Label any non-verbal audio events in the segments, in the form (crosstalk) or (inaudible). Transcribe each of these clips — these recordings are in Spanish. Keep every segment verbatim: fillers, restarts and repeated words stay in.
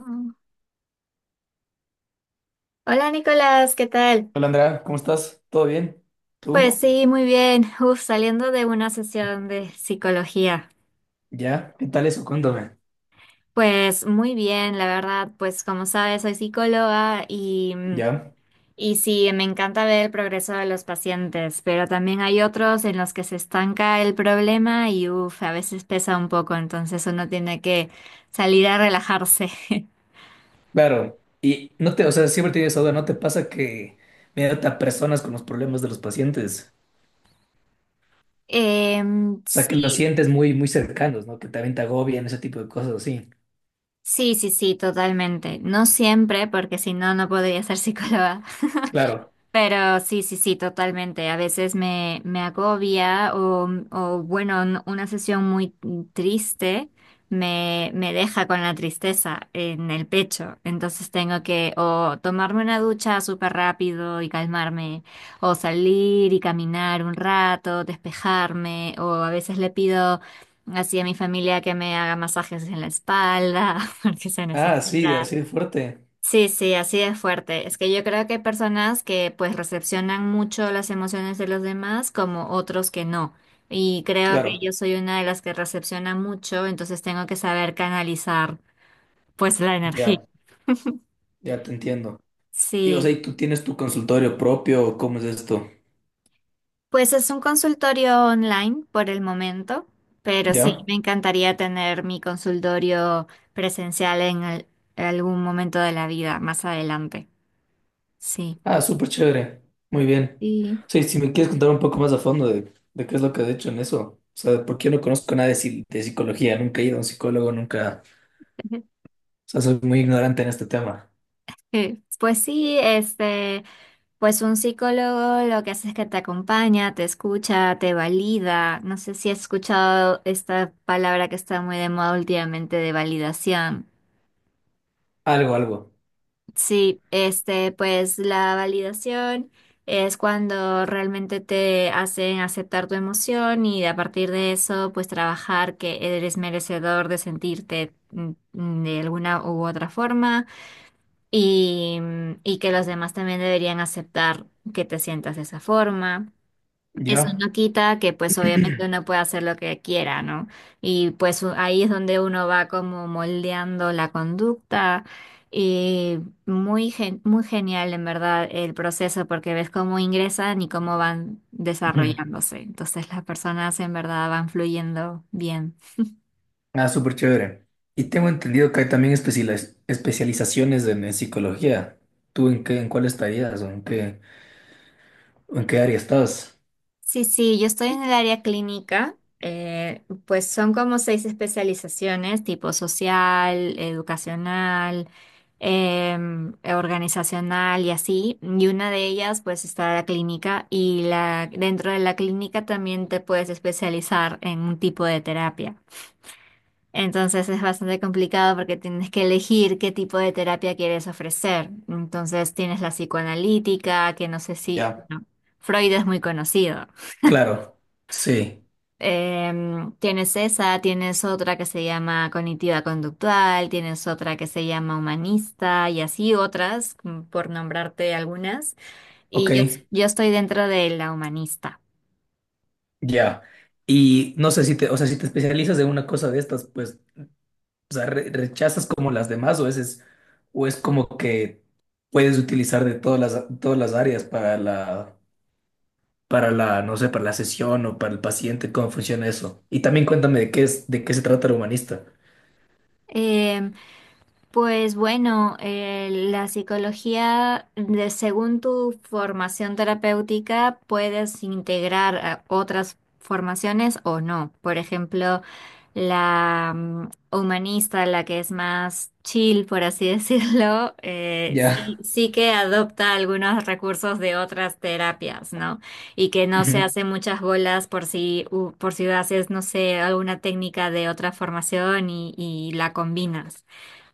Mm. Hola Nicolás, ¿qué tal? Hola Andrea, ¿cómo estás? ¿Todo bien? ¿Tú? Pues sí, muy bien. Uf, saliendo de una sesión de psicología. ¿Ya? ¿Qué tal eso? Cuéntame. Pues muy bien, la verdad, pues como sabes, soy psicóloga y, mm, ¿Ya? y sí, me encanta ver el progreso de los pacientes, pero también hay otros en los que se estanca el problema y uf, a veces pesa un poco, entonces uno tiene que salir a relajarse. (laughs) Claro. Y no te, o sea, siempre tienes esa duda, ¿no te pasa que me a personas con los problemas de los pacientes? Em, O sea, que los sí, sientes muy, muy cercanos, ¿no? Que también te agobian, ese tipo de cosas así. sí, sí, sí, totalmente. No siempre, porque si no, no podría ser psicóloga. Claro. Pero sí, sí, sí, totalmente. A veces me, me agobia o, o, bueno, n- una sesión muy triste me, me deja con la tristeza en el pecho. Entonces tengo que o tomarme una ducha súper rápido y calmarme, o salir y caminar un rato, despejarme, o a veces le pido así a mi familia que me haga masajes en la espalda (laughs) porque se Ah, sí, necesita. así de fuerte. Sí, sí, así de fuerte. Es que yo creo que hay personas que pues recepcionan mucho las emociones de los demás como otros que no. Y creo que Claro. yo soy una de las que recepciona mucho, entonces tengo que saber canalizar pues la energía. Ya, ya te entiendo. Y, o sea, Sí, ¿y tú tienes tu consultorio propio? O ¿cómo es esto? pues es un consultorio online por el momento, pero sí ¿Ya? me encantaría tener mi consultorio presencial en al- algún momento de la vida más adelante. Sí. Ah, súper chévere. Muy bien. Y Sí, si me quieres contar un poco más a fondo de, de qué es lo que has hecho en eso. O sea, porque yo no conozco nada de, psi- de psicología, nunca he ido a un psicólogo, nunca. O sea, soy muy ignorante en este tema. (laughs) pues sí, este. Pues un psicólogo lo que hace es que te acompaña, te escucha, te valida. No sé si has escuchado esta palabra que está muy de moda últimamente de validación. Algo, algo. Sí, este, pues la validación es cuando realmente te hacen aceptar tu emoción y a partir de eso, pues trabajar que eres merecedor de sentirte mm, mm, de alguna u otra forma y, y que los demás también deberían aceptar que te sientas de esa forma. Eso ¿Ya? no quita que pues (clears throat) obviamente uno puede hacer lo que quiera, ¿no? Y pues u- ahí es donde uno va como moldeando la conducta y muy, gen- muy genial en verdad el proceso porque ves cómo ingresan y cómo van Ujú. desarrollándose. Entonces las personas en verdad van fluyendo bien. Ah, súper chévere. Y tengo entendido que hay también especializ- especializaciones en, en psicología. ¿Tú en qué, en cuál estarías o en qué, o en qué área estás? Sí, sí, yo estoy en el área clínica, eh, pues son como seis especializaciones, tipo social, educacional, em, organizacional y así. Y una de ellas, pues, está la clínica y la, dentro de la clínica también te puedes especializar en un tipo de terapia. Entonces es bastante complicado porque tienes que elegir qué tipo de terapia quieres ofrecer. Entonces tienes la psicoanalítica, que no sé si, Ya. no, Freud es muy conocido. Claro. Sí. Em, tienes esa, tienes otra que se llama cognitiva conductual, tienes otra que se llama humanista y así otras, mm, por nombrarte algunas. Ok. Y yo, yo estoy dentro de la humanista. Ya. Y no sé si te, o sea, si te especializas en una cosa de estas, pues, o sea, re- rechazas como las demás o es, es- o es como que puedes utilizar de todas las, todas las áreas para la, para la, no sé, para la sesión o para el paciente, cómo funciona eso. Y también cuéntame de qué es, de qué se trata el humanista. Em, Pues bueno, eh, la psicología, de- según tu formación terapéutica, puedes integrar a otras formaciones o no. Por ejemplo, la mm, humanista, la que es más chill, por así (laughs) decirlo, eh, Ya. sí, sí que adopta algunos recursos de otras terapias, ¿no? Y que no se Ujú. hace muchas bolas por si, u- por si haces, no sé, alguna técnica de otra formación y y la combinas.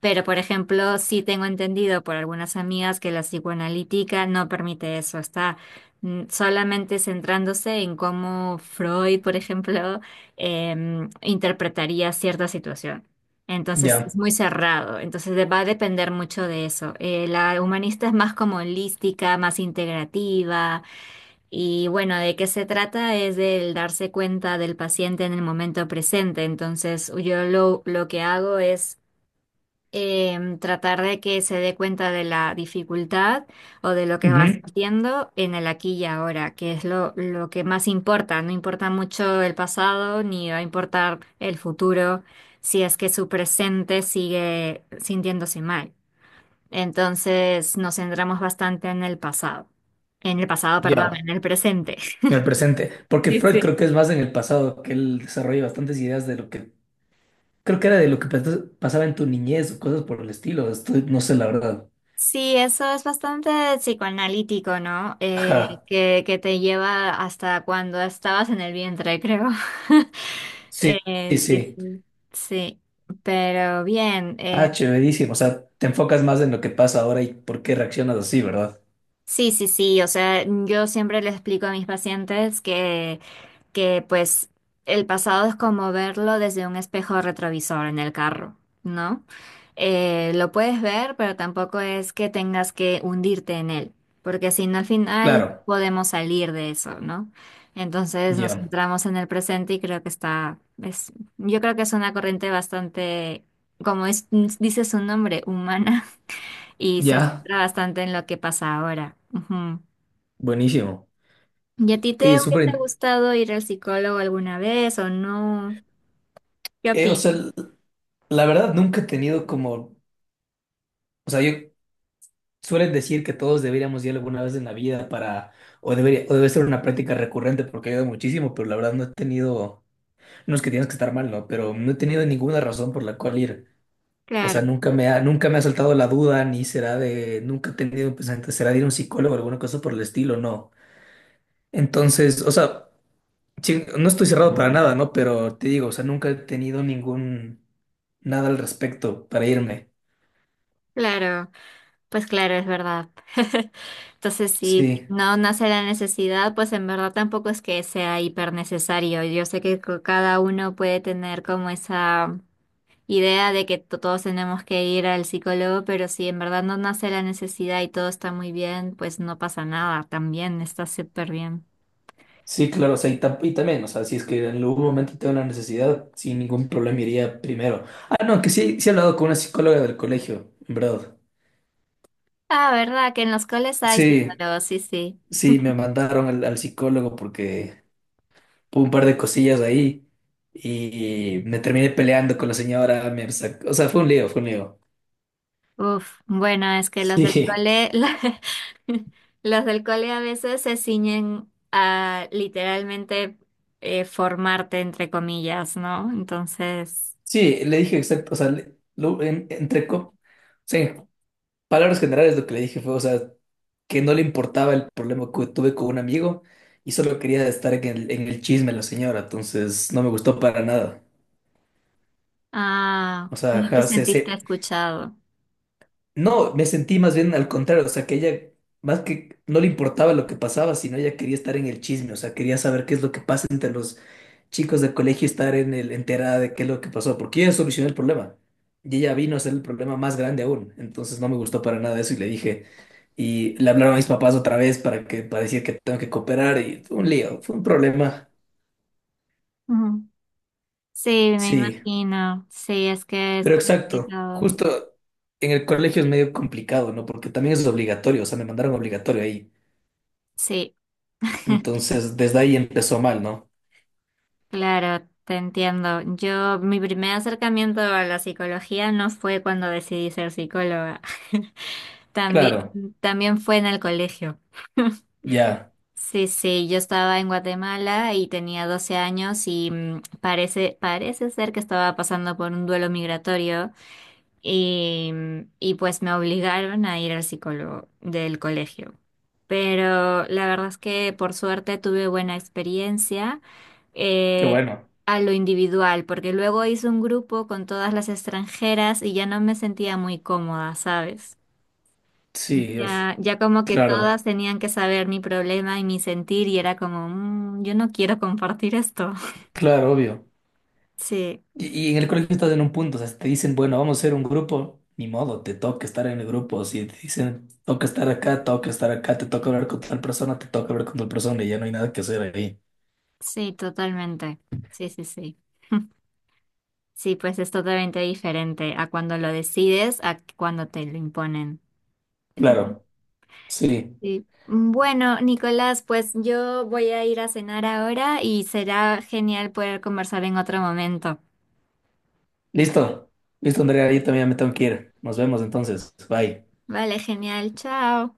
Pero, por ejemplo, sí tengo entendido por algunas amigas que la psicoanalítica no permite eso, está mm, solamente centrándose en cómo Freud, por ejemplo, (laughs) em, interpretaría cierta situación. Entonces es Ya. muy cerrado, entonces de- va a depender mucho de eso. Eh, la humanista es más como holística, más integrativa y bueno, de qué se trata es del darse cuenta del paciente en el momento presente. Entonces yo lo, lo que hago es em, tratar de que se dé cuenta de la dificultad o de lo que va Ujú. sintiendo en el aquí y ahora, que es lo, lo que más importa. No importa mucho el pasado ni va a importar el futuro si es que su presente sigue sintiéndose mal. Entonces nos centramos bastante en el pasado, en el pasado, perdón, Ya. en el presente. (laughs) En el presente. Porque Sí, Freud creo sí. que es más en el pasado, que él desarrolla bastantes ideas de lo que creo que era de lo que pas- pasaba en tu niñez o cosas por el estilo. Estoy, no sé la verdad. Sí, eso es bastante psicoanalítico, ¿no? Eh, Ajá. que, que te lleva hasta cuando estabas en el vientre, creo. (laughs) Sí, Eh, sí, sí, sí. sí. Sí, pero bien. eh, Ah, chéverísimo. O sea, te enfocas más en lo que pasa ahora y por qué reaccionas así, ¿verdad? sí, sí, sí. O sea, yo siempre le explico a mis pacientes que pues el pasado es como verlo desde un espejo retrovisor en el carro, ¿no? Eh, lo puedes ver, pero tampoco es que tengas que hundirte en él, porque si no al final no Claro. podemos salir de eso, ¿no? Entonces nos Ya. centramos en el presente y creo que está, es, yo creo que es una corriente bastante, como es, dice su nombre, humana, (laughs) y se Ya. centra bastante en lo que pasa ahora. Ujú. Buenísimo. ¿Y a ti te Oye, súper. hubiese in- gustado ir al psicólogo alguna vez o no? ¿Qué eh, o sea, opinas? l- la verdad nunca he tenido como. O sea, yo suelen decir que todos deberíamos ir alguna vez en la vida para. O debería, o debe ser una práctica recurrente porque ayuda muchísimo, pero la verdad no he tenido. No es que tienes que estar mal, ¿no? Pero no he tenido ninguna razón por la cual ir. O Claro, sea, nunca me ha, nunca me ha saltado la duda, ni será de, nunca he tenido un pensamiento, será de ir a un psicólogo o alguna cosa por el estilo, no. Entonces, o sea, sí, no estoy cerrado para nada, ¿no? Pero te digo, o sea, nunca he tenido ningún, nada al respecto para irme. claro, pues claro, es verdad. (laughs) Entonces, si Sí, no nace la necesidad, pues en verdad tampoco es que sea hiper necesario. Yo sé que co- cada uno puede tener como esa idea de que to- todos tenemos que ir al psicólogo, pero si en verdad no nace la necesidad y todo está muy bien, pues no pasa nada, también está súper bien. sí, claro, o sea, y, tam- y también, o sea, si es que en algún momento tengo una necesidad, sin ningún problema iría primero. Ah, no, que sí, sí he hablado con una psicóloga del colegio, en verdad. Ah, ¿verdad? Que en los coles hay Sí, psicólogos, sí, sí. sí, me mandaron al, al psicólogo porque un par de cosillas ahí y me terminé peleando con la señora, me sacó- o sea, fue un lío, fue un lío. Uf, bueno, es que las del Sí, cole, (laughs) la- las del cole a veces se ciñen a literalmente eh, formarte, entre comillas, ¿no? Entonces, sí, le dije exacto, o sea, le- lo- en- entre, co- sí, en palabras generales lo que le dije fue, o sea, que no le importaba el problema que tuve con un amigo y solo quería estar en el, en el chisme la señora, entonces no me gustó para nada. ah, O sea, no te ajá, se, sentiste se escuchado. No, me sentí más bien al contrario, o sea, que ella más que no le importaba lo que pasaba, sino ella quería estar en el chisme, o sea, quería saber qué es lo que pasa entre los chicos del colegio, estar en el enterada de qué es lo que pasó, porque ella solucionó el problema. Y ella vino a ser el problema más grande aún, entonces no me gustó para nada eso y le dije, y le hablaron a mis papás otra vez para que para decir que tengo que cooperar y fue un lío, fue un problema. Ujú. Sí, me Sí, imagino. Sí, es que es pero exacto, complicado. justo en el colegio es medio complicado, ¿no? Porque también es obligatorio, o sea, me mandaron obligatorio ahí. Sí, Entonces, desde ahí empezó mal, ¿no? claro, te entiendo. Yo, mi primer acercamiento a la psicología no fue cuando decidí ser psicóloga. (laughs) También, Claro, también fue en el colegio. ya, Sí, sí, yo estaba en Guatemala y tenía doce años y mm, parece, parece ser que estaba pasando por un duelo migratorio y, mm, y pues me obligaron a ir al psicólogo del colegio. Pero la verdad es que por suerte tuve buena experiencia qué eh, bueno. a lo individual, porque luego hice un grupo con todas las extranjeras y ya no me sentía muy cómoda, ¿sabes? Sí, es, Ya, ya como que claro, todas tenían que saber mi problema y mi sentir y era como, "Mm, yo no quiero compartir esto". (laughs) claro, obvio. Sí, Y, y en el colegio estás en un punto, o sea, si te dicen, bueno, vamos a ser un grupo, ni modo, te toca estar en el grupo. Si te dicen, toca estar acá, toca estar acá, te toca hablar con tal persona, te toca hablar con tal persona y ya no hay nada que hacer ahí. sí, totalmente. Sí, sí, sí. (laughs) Sí, pues es totalmente diferente a cuando lo decides, a cuando te lo imponen. Claro, sí. Sí. Bueno, Nicolás, pues yo voy a ir a cenar ahora y será genial poder conversar en otro momento. Listo, listo, Andrea, yo también me tengo que ir. Nos vemos entonces. Bye. Vale, genial, chao.